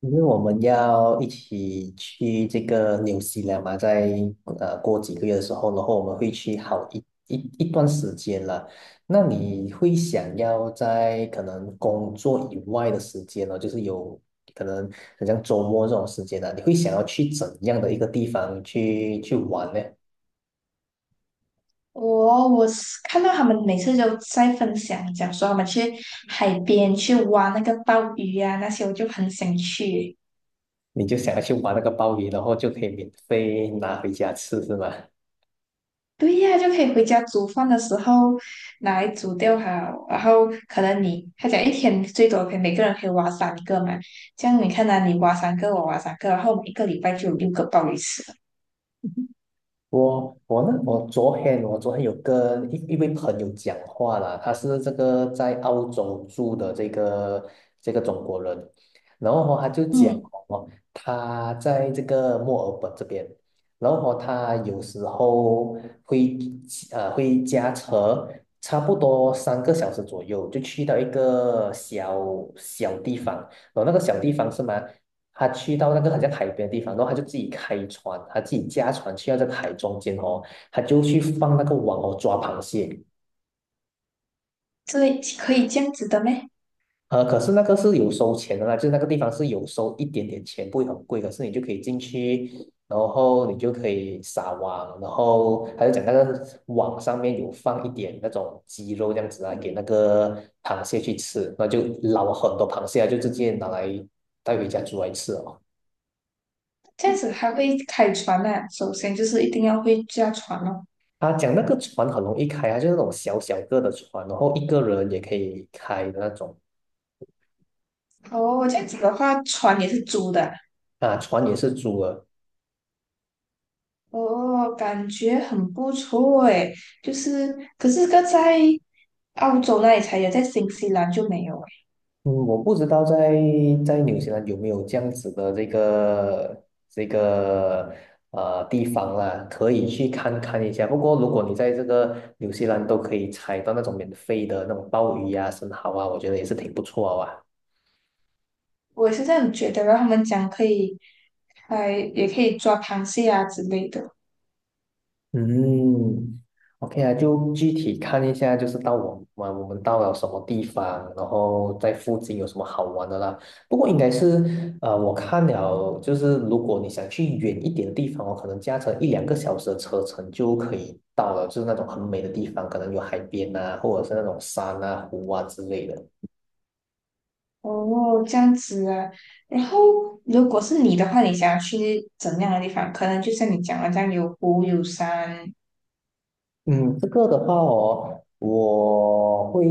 因为我们要一起去这个纽西兰嘛，在过几个月的时候，然后我们会去好一段时间了。那你会想要在可能工作以外的时间呢，就是有可能很像周末这种时间呢、你会想要去怎样的一个地方去玩呢？我是看到他们每次都在分享，讲说他们去海边去挖那个鲍鱼啊，那些我就很想去。你就想要去玩那个鲍鱼，然后就可以免费拿回家吃，是吗？对呀、就可以回家煮饭的时候拿来煮掉它，然后可能你他讲一天最多可以每个人可以挖三个嘛，这样你看啊，你挖三个，我挖三个，然后我们一个礼拜就有六个鲍鱼吃了。我呢，我昨天有跟一位朋友讲话啦，他是这个在澳洲住的这个中国人，然后哦他就讲嗯，哦，他在这个墨尔本这边，然后哦他有时候会会驾车，差不多三个小时左右就去到一个小小地方，然后那个小地方是吗？他去到那个好像海边的地方，然后他就自己开船，他自己驾船去到这个海中间哦，他就去放那个网哦抓螃蟹。这类可以这样子的咩？可是那个是有收钱的啦，就是那个地方是有收一点点钱，不会很贵，可是你就可以进去，然后你就可以撒网，然后他就讲那个网上面有放一点那种鸡肉这样子啊，给那个螃蟹去吃，那就捞很多螃蟹啊，就直接拿来带回家煮来吃哦。这样子还会开船啊，首先就是一定要会驾船哦。他讲那个船很容易开啊，就是那种小小个的船，然后一个人也可以开的那种哦，这样子的话，船也是租的啊。啊，船也是租的。哦，感觉很不错诶。就是，可是个在澳洲那里才有，在新西兰就没有诶。嗯，我不知道在纽西兰有没有这样子的这个地方啦，可以去看看一下。不过如果你在这个纽西兰都可以采到那种免费的那种鲍鱼啊、生蚝啊，我觉得也是挺不错啊。我也是这样觉得，然后他们讲可以，哎，也可以抓螃蟹啊之类的。嗯，OK 啊，就具体看一下，就是到我们到了什么地方，然后在附近有什么好玩的啦。不过应该是，我看了，就是如果你想去远一点的地方哦，可能驾车一两个小时的车程就可以到了，就是那种很美的地方，可能有海边啊，或者是那种山啊、湖啊之类的。哦，这样子啊。然后，如果是你的话，你想要去怎么样的地方？可能就像你讲的这样，有湖有山。嗯，这个的话哦，我会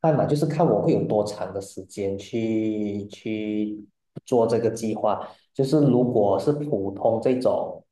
看嘛，就是看我会有多长的时间去做这个计划。就是如果是普通这种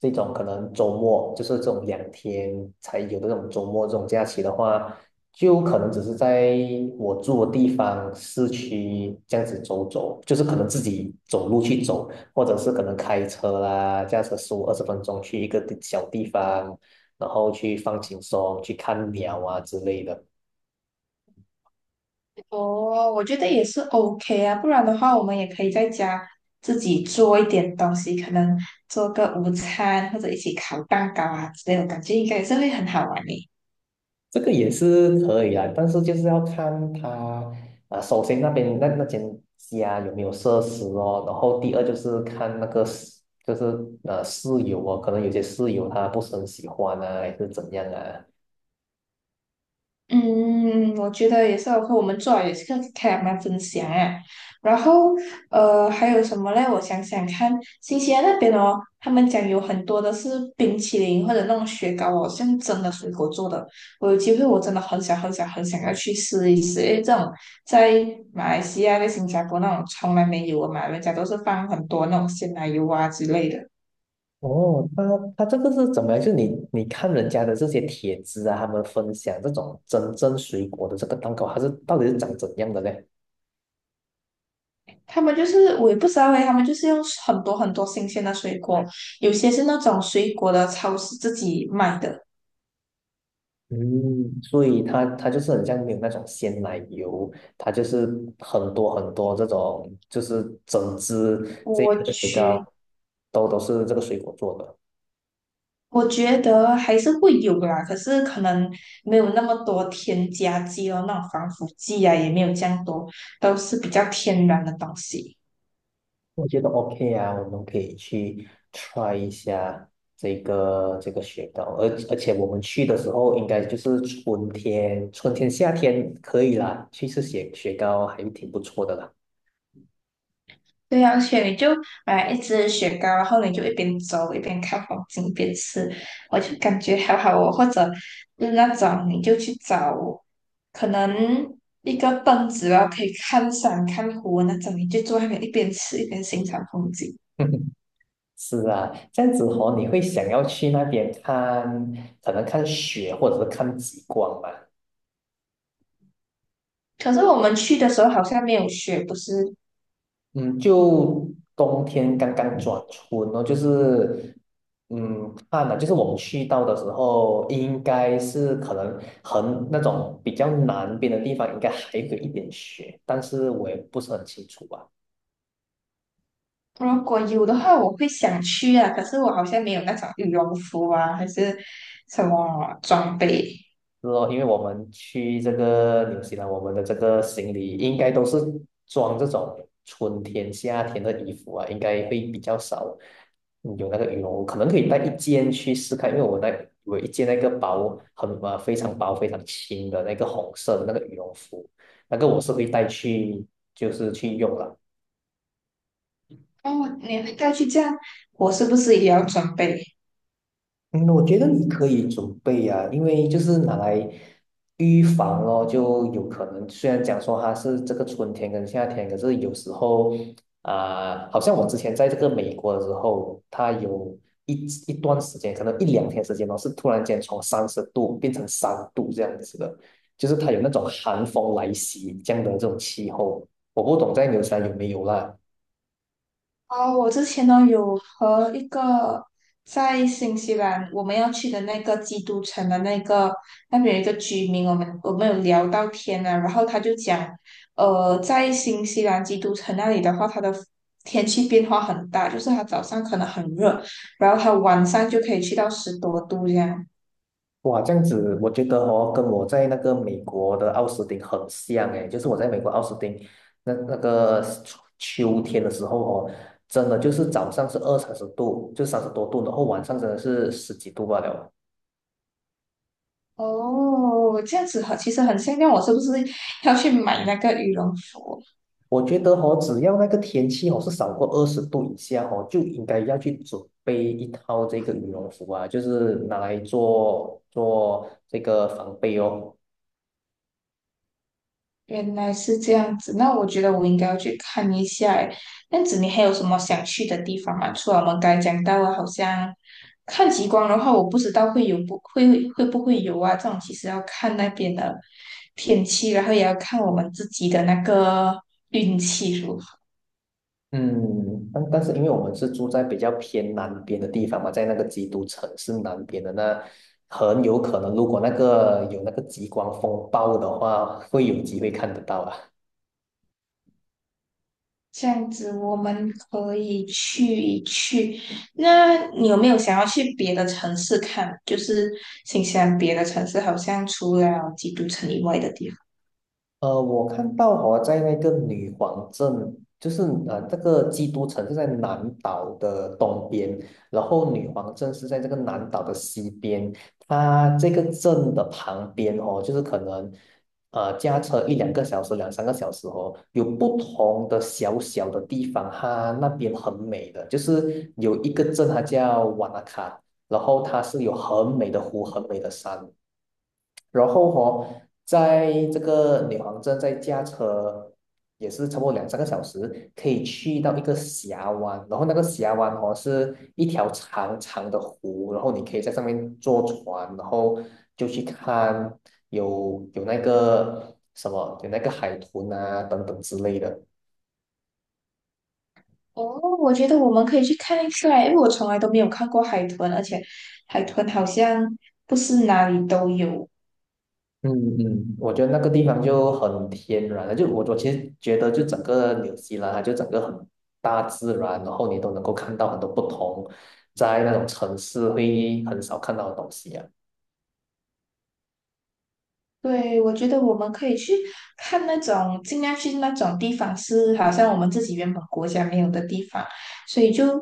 这种可能周末，就是这种两天才有的这种周末这种假期的话，就可能只是在我住的地方市区这样子走走，就是可能自己走路去走。或者是可能开车啦，驾车十五二十分钟去一个小地方，然后去放轻松，去看鸟啊之类的，哦，我觉得也是 OK 啊，不然的话，我们也可以在家自己做一点东西，可能做个午餐或者一起烤蛋糕啊之类的，我感觉应该也是会很好玩的。这个也是可以啊，但是就是要看他啊，首先那边那间家有没有设施哦，然后第二就是看那个室就是呃室友哦，可能有些室友他不是很喜欢啊，还是怎样啊。嗯，我觉得也是，和我们做好也是个开他分享啊。然后，还有什么嘞？我想想看，新西兰那边哦，他们讲有很多的是冰淇淋或者那种雪糕哦，像真的水果做的。我有机会，我真的很想很想很想要去试一试，因为这种在马来西亚、在新加坡那种从来没有的嘛，人家都是放很多那种鲜奶油啊之类的。哦，他这个是怎么样？就是你看人家的这些帖子啊，他们分享这种真正水果的这个蛋糕，它是到底是长怎样的呢？他们就是我也不知道诶，他们就是用很多很多新鲜的水果，有些是那种水果的超市自己卖的。嗯，所以它就是很像没有那种鲜奶油，它就是很多很多这种，就是整只这个我雪糕觉都是这个水果做的。我觉得还是会有啦，可是可能没有那么多添加剂哦，那种防腐剂啊也没有这样多，都是比较天然的东西。我觉得 OK 啊，我们可以去 try 一下这个雪糕，而且我们去的时候应该就是春天，春天夏天可以啦，去吃雪糕还是挺不错的啦。对呀，而且你就买一支雪糕，然后你就一边走一边看风景一边吃，我就感觉好好哦。或者嗯那种你就去找，可能一个凳子然后可以看山看湖那种，你就坐那边一边吃一边欣赏风景。是啊，这样子哦，你会想要去那边看，可能看雪或者是看极光吧？可是我们去的时候好像没有雪，不是？嗯，就冬天刚刚转春哦，就是看了，就是我们去到的时候，应该是可能很那种比较南边的地方，应该还有一点雪，但是我也不是很清楚吧。如果有的话，我会想去啊。可是我好像没有那种羽绒服啊，还是什么装备。是哦，因为我们去这个纽西兰，我们的这个行李应该都是装这种春天、夏天的衣服啊，应该会比较少有那个羽绒我可能可以带一件去试看，因为我一件那个薄很啊非常薄、非常轻的那个红色的那个羽绒服，那个我是会带去就是去用了。哦，你会带去这样，我是不是也要准备？嗯，我觉得你可以准备啊，因为就是拿来预防咯，就有可能虽然讲说它是这个春天跟夏天，可是有时候啊、好像我之前在这个美国的时候，它有一段时间，可能一两天时间哦，是突然间从三十度变成3度这样子的，就是它有那种寒风来袭这样的这种气候，我不懂在纽山有没有啦。啊，我之前呢有和一个在新西兰我们要去的那个基督城的那个那边有一个居民，我们有聊到天啊，然后他就讲，在新西兰基督城那里的话，它的天气变化很大，就是它早上可能很热，然后它晚上就可以去到10多度这样。哇，这样子，我觉得哦，跟我在那个美国的奥斯汀很像诶，就是我在美国奥斯汀那个秋天的时候哦，真的就是早上是二三十度，就三十多度，然后晚上真的是十几度罢了。哦，这样子很，其实很像，那我是不是要去买那个羽绒服？我觉得哦，只要那个天气哦是少过20度以下哦，就应该要去准备一套这个羽绒服啊，就是拿来做做这个防备哦。原来是这样子，那我觉得我应该要去看一下诶。这样子，你还有什么想去的地方吗？除了我们刚才讲到的，好像看极光的话，我不知道会有不会会不会有啊？这种其实要看那边的天气，然后也要看我们自己的那个运气如何。嗯，但是因为我们是住在比较偏南边的地方嘛，在那个基督城市南边的那，很有可能如果那个有那个极光风暴的话，会有机会看得到啊。这样子，我们可以去一去。那你有没有想要去别的城市看？就是新西兰别的城市，好像除了基督城以外的地方。我看到好像在那个女皇镇，就是这个基督城是在南岛的东边，然后女皇镇是在这个南岛的西边。它这个镇的旁边哦，就是可能驾车一两个小时、两三个小时哦，有不同的小小的地方，它那边很美的，就是有一个镇它叫瓦纳卡，然后它是有很美的湖、很美的山。然后哦，在这个女皇镇再驾车也是差不多两三个小时，可以去到一个峡湾，然后那个峡湾哦是一条长长的湖，然后你可以在上面坐船，然后就去看有那个什么有那个海豚啊等等之类的。哦，我觉得我们可以去看一下，因为我从来都没有看过海豚，而且海豚好像不是哪里都有。嗯嗯，我觉得那个地方就很天然了，就我其实觉得，就整个纽西兰啊，就整个很大自然，然后你都能够看到很多不同，在那种城市会很少看到的东西啊。对，我觉得我们可以去看那种，尽量去那种地方是好像我们自己原本国家没有的地方，所以就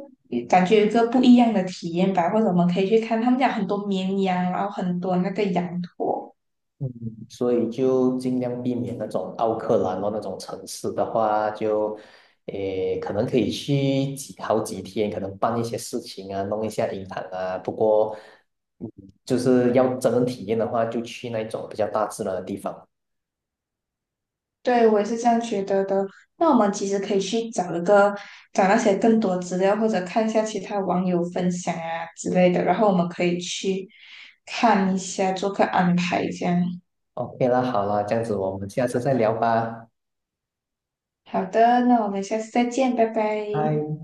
感觉有一个不一样的体验吧。或者我们可以去看，他们家很多绵羊，然后很多那个羊驼。嗯，所以就尽量避免那种奥克兰哦那种城市的话，就可能可以去好几天，可能办一些事情啊，弄一下银行啊。不过，嗯，就是要真正体验的话，就去那种比较大自然的地方。对，我也是这样觉得的。那我们其实可以去找一个，找那些更多资料，或者看一下其他网友分享啊之类的，然后我们可以去看一下，做个安排这样。OK 了，好了，这样子我们下次再聊吧。好的，那我们下次再见，拜拜。嗨，